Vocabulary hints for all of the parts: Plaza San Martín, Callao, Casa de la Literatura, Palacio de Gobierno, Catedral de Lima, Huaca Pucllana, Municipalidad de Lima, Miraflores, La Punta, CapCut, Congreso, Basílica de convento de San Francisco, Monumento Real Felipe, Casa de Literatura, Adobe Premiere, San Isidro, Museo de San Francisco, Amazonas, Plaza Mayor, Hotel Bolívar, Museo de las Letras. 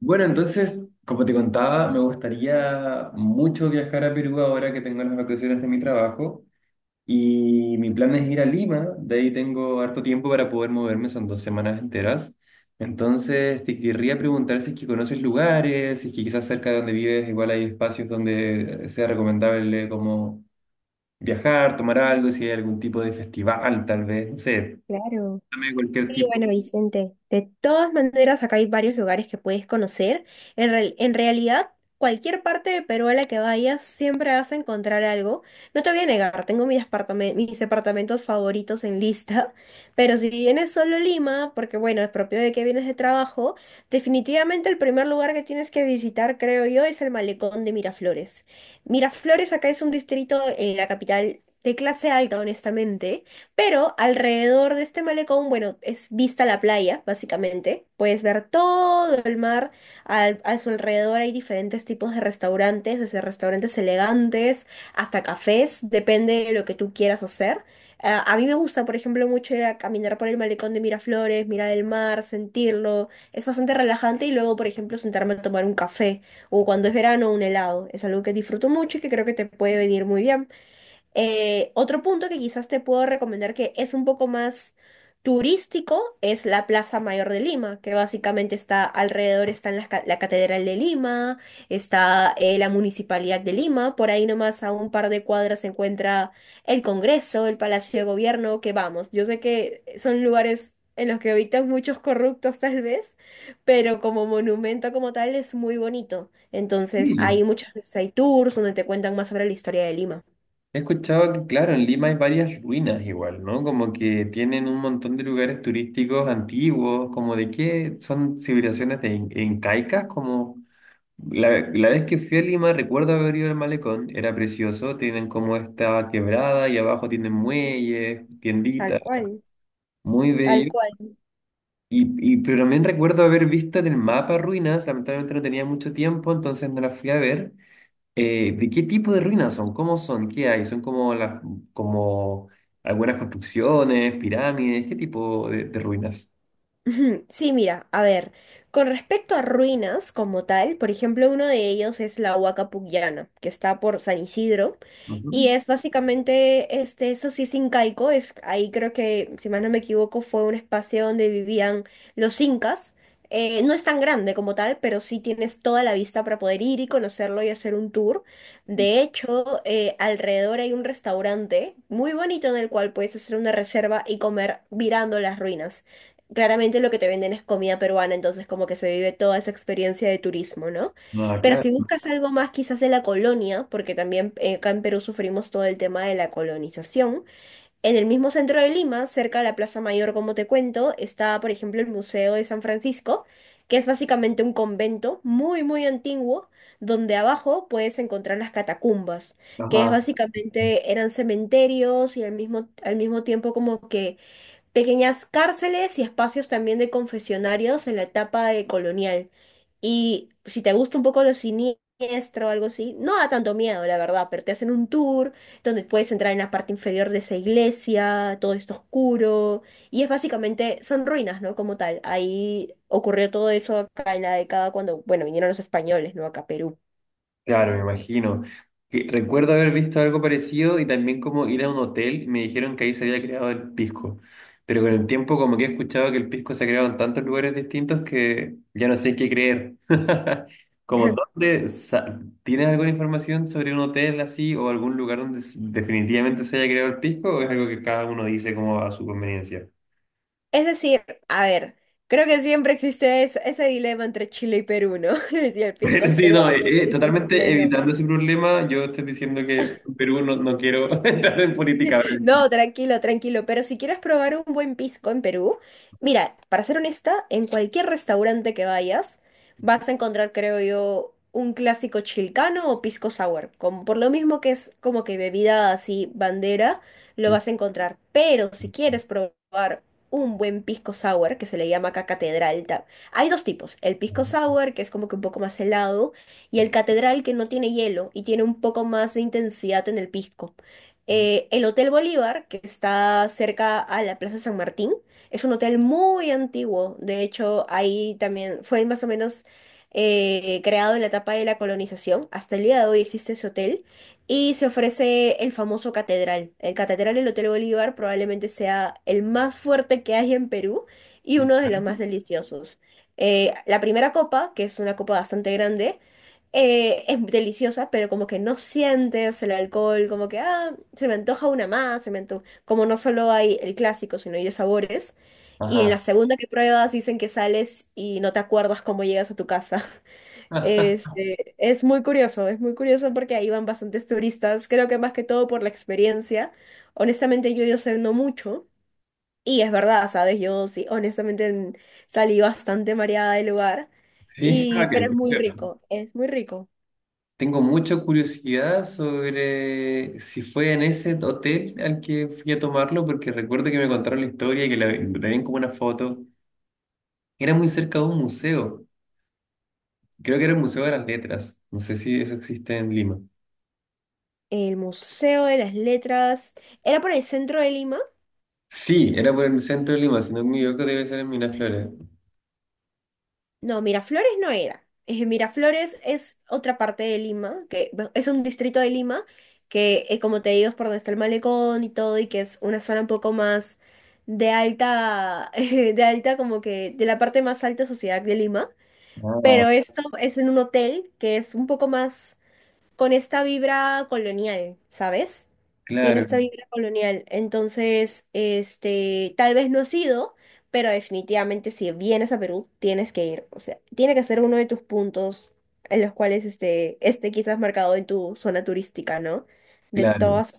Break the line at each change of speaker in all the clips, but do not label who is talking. Bueno, entonces, como te contaba, me gustaría mucho viajar a Perú ahora que tengo las vacaciones de mi trabajo y mi plan es ir a Lima, de ahí tengo harto tiempo para poder moverme, son 2 semanas enteras. Entonces, te querría preguntar si es que conoces lugares, si es que quizás cerca de donde vives igual hay espacios donde sea recomendable como viajar, tomar algo, si hay algún tipo de festival, tal vez, no sé,
Claro.
dame cualquier
Sí,
tipo.
bueno, Vicente, de todas maneras acá hay varios lugares que puedes conocer. En realidad, cualquier parte de Perú a la que vayas siempre vas a encontrar algo. No te voy a negar, tengo mis departamentos favoritos en lista, pero si vienes solo a Lima, porque bueno, es propio de que vienes de trabajo, definitivamente el primer lugar que tienes que visitar, creo yo, es el malecón de Miraflores. Miraflores acá es un distrito en la capital de clase alta, honestamente, pero alrededor de este malecón, bueno, es vista la playa, básicamente. Puedes ver todo el mar. A su alrededor hay diferentes tipos de restaurantes, desde restaurantes elegantes hasta cafés, depende de lo que tú quieras hacer. Ah, a mí me gusta, por ejemplo, mucho ir a caminar por el malecón de Miraflores, mirar el mar, sentirlo. Es bastante relajante y luego, por ejemplo, sentarme a tomar un café o cuando es verano, un helado. Es algo que disfruto mucho y que creo que te puede venir muy bien. Otro punto que quizás te puedo recomendar que es un poco más turístico es la Plaza Mayor de Lima, que básicamente está alrededor, están la Catedral de Lima, está la Municipalidad de Lima, por ahí nomás a un par de cuadras se encuentra el Congreso, el Palacio de Gobierno, que vamos, yo sé que son lugares en los que habitan muchos corruptos tal vez, pero como monumento como tal es muy bonito. Entonces hay
Sí.
muchos veces hay tours donde te cuentan más sobre la historia de Lima.
He escuchado que, claro, en Lima hay varias ruinas igual, ¿no? Como que tienen un montón de lugares turísticos antiguos, como de qué son civilizaciones incaicas, como la vez que fui a Lima recuerdo haber ido al malecón, era precioso, tienen como esta quebrada y abajo tienen muelles,
Tal
tienditas,
cual,
muy
tal
bello.
cual.
Pero también recuerdo haber visto en el mapa ruinas, lamentablemente no tenía mucho tiempo, entonces no las fui a ver. ¿De qué tipo de ruinas son? ¿Cómo son? ¿Qué hay? ¿Son como las, como algunas construcciones, pirámides? ¿Qué tipo de ruinas?
Ujú. Sí, mira, a ver, con respecto a ruinas como tal, por ejemplo, uno de ellos es la Huaca Pucllana, que está por San Isidro, y
Ujú.
es básicamente, este, eso sí es incaico, es, ahí creo que, si mal no me equivoco, fue un espacio donde vivían los incas. No es tan grande como tal, pero sí tienes toda la vista para poder ir y conocerlo y hacer un tour. De hecho, alrededor hay un restaurante muy bonito en el cual puedes hacer una reserva y comer mirando las ruinas. Claramente lo que te venden es comida peruana, entonces como que se vive toda esa experiencia de turismo, ¿no? Pero
Ah,
si buscas algo más quizás de la colonia, porque también acá en Perú sufrimos todo el tema de la colonización, en el mismo centro de Lima, cerca de la Plaza Mayor, como te cuento, está, por ejemplo, el Museo de San Francisco, que es básicamente un convento muy, muy antiguo, donde abajo puedes encontrar las catacumbas, que es
claro.
básicamente eran cementerios y al mismo tiempo como que pequeñas cárceles y espacios también de confesionarios en la etapa de colonial. Y si te gusta un poco lo siniestro o algo así, no da tanto miedo, la verdad, pero te hacen un tour donde puedes entrar en la parte inferior de esa iglesia, todo está oscuro, y es básicamente, son ruinas, ¿no? Como tal. Ahí ocurrió todo eso acá en la década cuando, bueno, vinieron los españoles, ¿no? Acá a Perú.
Claro, me imagino. Que recuerdo haber visto algo parecido y también como ir a un hotel y me dijeron que ahí se había creado el pisco. Pero con el tiempo como que he escuchado que el pisco se ha creado en tantos lugares distintos que ya no sé qué creer. Como dónde, ¿tienes alguna información sobre un hotel así o algún lugar donde definitivamente se haya creado el pisco o es algo que cada uno dice como a su conveniencia?
Es decir, a ver, creo que siempre existe ese dilema entre Chile y Perú, ¿no? Si el pisco
Bueno,
es
sí, no,
peruano, el pisco es
totalmente
chileno.
evitando ese problema, yo estoy diciendo que en Perú no quiero entrar en política.
No, tranquilo, tranquilo. Pero si quieres probar un buen pisco en Perú, mira, para ser honesta, en cualquier restaurante que vayas, vas a encontrar, creo yo, un clásico chilcano o pisco sour. Como, por lo mismo que es como que bebida así bandera, lo vas a encontrar. Pero si quieres probar un buen pisco sour, que se le llama acá catedral, hay dos tipos. El pisco sour, que es como que un poco más helado, y el catedral, que no tiene hielo y tiene un poco más de intensidad en el pisco. El Hotel Bolívar, que está cerca a la Plaza San Martín, es un hotel muy antiguo. De hecho, ahí también fue más o menos creado en la etapa de la colonización. Hasta el día de hoy existe ese hotel y se ofrece el famoso catedral. El catedral del Hotel Bolívar probablemente sea el más fuerte que hay en Perú y uno de los más deliciosos. La primera copa, que es una copa bastante grande, es deliciosa, pero como que no sientes el alcohol, como que, ah, se me antoja una más, se me antoja. Como no solo hay el clásico, sino hay de sabores. Y en la
Ajá.
segunda que pruebas dicen que sales y no te acuerdas cómo llegas a tu casa. Este, es muy curioso porque ahí van bastantes turistas, creo que más que todo por la experiencia. Honestamente yo sé no mucho y es verdad, ¿sabes? Yo sí, honestamente salí bastante mareada del lugar
Sí. Ah,
y pero es muy
funciona.
rico, es muy rico.
Tengo mucha curiosidad sobre si fue en ese hotel al que fui a tomarlo, porque recuerdo que me contaron la historia y que la tenían como una foto. Era muy cerca de un museo. Creo que era el Museo de las Letras. No sé si eso existe en Lima.
El Museo de las Letras. ¿Era por el centro de Lima?
Sí, era por el centro de Lima, si no me equivoco, debe ser en Miraflores.
No, Miraflores no era. Miraflores es otra parte de Lima, que bueno, es un distrito de Lima, que como te digo es por donde está el malecón y todo, y que es una zona un poco más de alta, de alta como que de la parte más alta sociedad de Lima.
Ah,
Pero esto es en un hotel que es un poco más... con esta vibra colonial, ¿sabes? Tiene
claro,
esta vibra colonial. Entonces, este, tal vez no has ido, pero definitivamente si vienes a Perú, tienes que ir. O sea, tiene que ser uno de tus puntos en los cuales este, este quizás marcado en tu zona turística, ¿no? De
claro,
todas.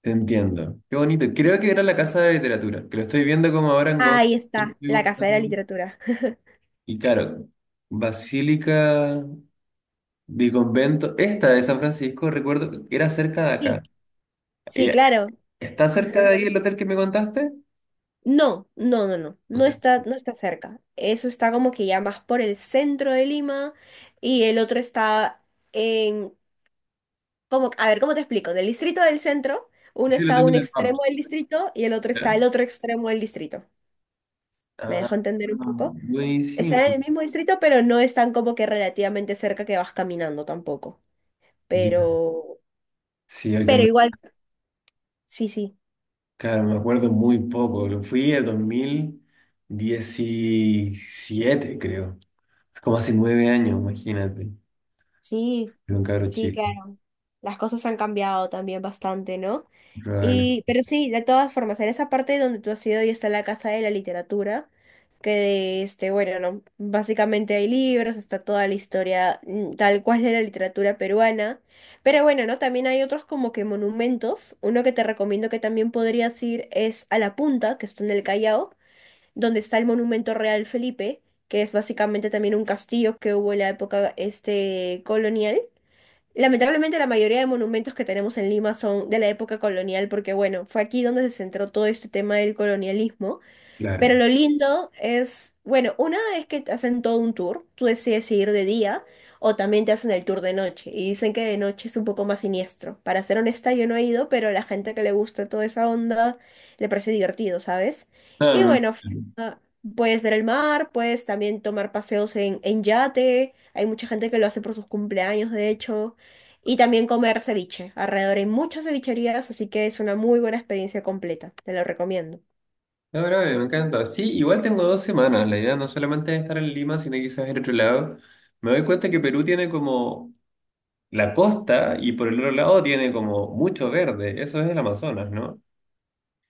te entiendo. Qué bonito. Creo que era la Casa de Literatura, que lo estoy viendo como ahora en Google.
Ahí está, la Casa de la Literatura.
Y claro, Basílica de convento esta de San Francisco, recuerdo, era cerca de
Sí,
acá.
sí,
Eh,
claro.
¿Está cerca de
Ajá.
ahí el hotel que me contaste?
No, no, no, no,
No
no
sé.
está, no está cerca. Eso está como que ya más por el centro de Lima y el otro está en, como, a ver, ¿cómo te explico? Del distrito del centro, uno
Sí, lo
está a
tengo
un
en el mapa.
extremo del distrito y el otro está
¿Ya?
al otro extremo del distrito. ¿Me
Ah,
dejo entender un poco? Están
buenísimo.
en el mismo distrito, pero no están como que relativamente cerca que vas caminando tampoco.
Ya.
Pero,
Sí, el que
pero
me,
igual, sí, sí,
claro, me acuerdo muy poco. Lo fui en 2017 creo. Es como hace 9 años, imagínate.
sí,
Era un cabro
sí,
chico.
claro. Las cosas han cambiado también bastante, ¿no?
Probable.
Y, pero sí, de todas formas, en esa parte donde tú has ido y está la Casa de la Literatura, que este, bueno, no, básicamente hay libros, está toda la historia mm, tal cual de la literatura peruana, pero bueno, ¿no? También hay otros como que monumentos, uno que te recomiendo que también podrías ir es a La Punta, que está en el Callao, donde está el Monumento Real Felipe, que es básicamente también un castillo que hubo en la época este, colonial. Lamentablemente la mayoría de monumentos que tenemos en Lima son de la época colonial, porque bueno, fue aquí donde se centró todo este tema del colonialismo. Pero
Claro.
lo lindo es, bueno, una es que te hacen todo un tour, tú decides si ir de día o también te hacen el tour de noche y dicen que de noche es un poco más siniestro. Para ser honesta, yo no he ido, pero la gente que le gusta toda esa onda le parece divertido, ¿sabes? Y
Ah,
bueno, ah, puedes ver el mar, puedes también tomar paseos en yate, hay mucha gente que lo hace por sus cumpleaños, de hecho, y también comer ceviche. Alrededor hay muchas cevicherías, así que es una muy buena experiencia completa, te lo recomiendo.
no, bro, me encanta. Sí, igual tengo 2 semanas. La idea no solamente es estar en Lima, sino quizás en otro lado. Me doy cuenta que Perú tiene como la costa y por el otro lado tiene como mucho verde. Eso es el Amazonas, ¿no?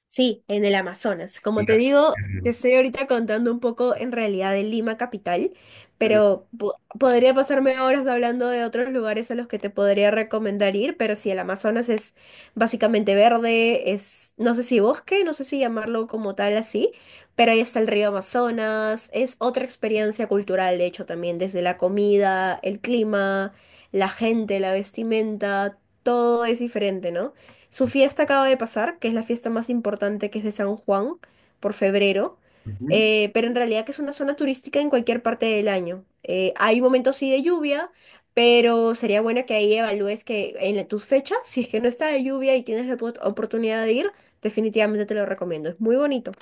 Sí, en el Amazonas. Como te
Las-
digo, te estoy ahorita contando un poco en realidad de Lima capital,
claro.
pero podría pasarme horas hablando de otros lugares a los que te podría recomendar ir, pero sí, el Amazonas es básicamente verde, es, no sé si bosque, no sé si llamarlo como tal así, pero ahí está el río Amazonas, es otra experiencia cultural, de hecho, también desde la comida, el clima, la gente, la vestimenta, todo es diferente, ¿no? Su fiesta acaba de pasar, que es la fiesta más importante que es de San Juan, por febrero,
Ujú.
pero en realidad que es una zona turística en cualquier parte del año. Hay momentos sí de lluvia, pero sería bueno que ahí evalúes que tus fechas, si es que no está de lluvia y tienes la oportunidad de ir, definitivamente te lo recomiendo. Es muy bonito.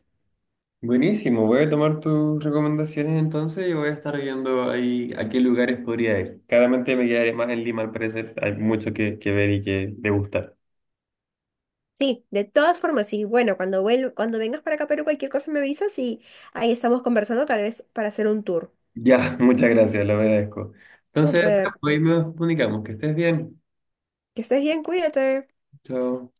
Buenísimo. Voy a tomar tus recomendaciones entonces y voy a estar viendo ahí a qué lugares podría ir. Claramente me quedaré más en Lima, al parecer. Hay mucho que ver y que degustar.
Sí, de todas formas, y bueno, cuando cuando vengas para acá a Perú, cualquier cosa me avisas y ahí estamos conversando tal vez para hacer un tour.
Ya, muchas gracias, lo agradezco. Entonces,
Súper.
hoy nos comunicamos. Que estés bien.
Que estés bien, cuídate.
Chao.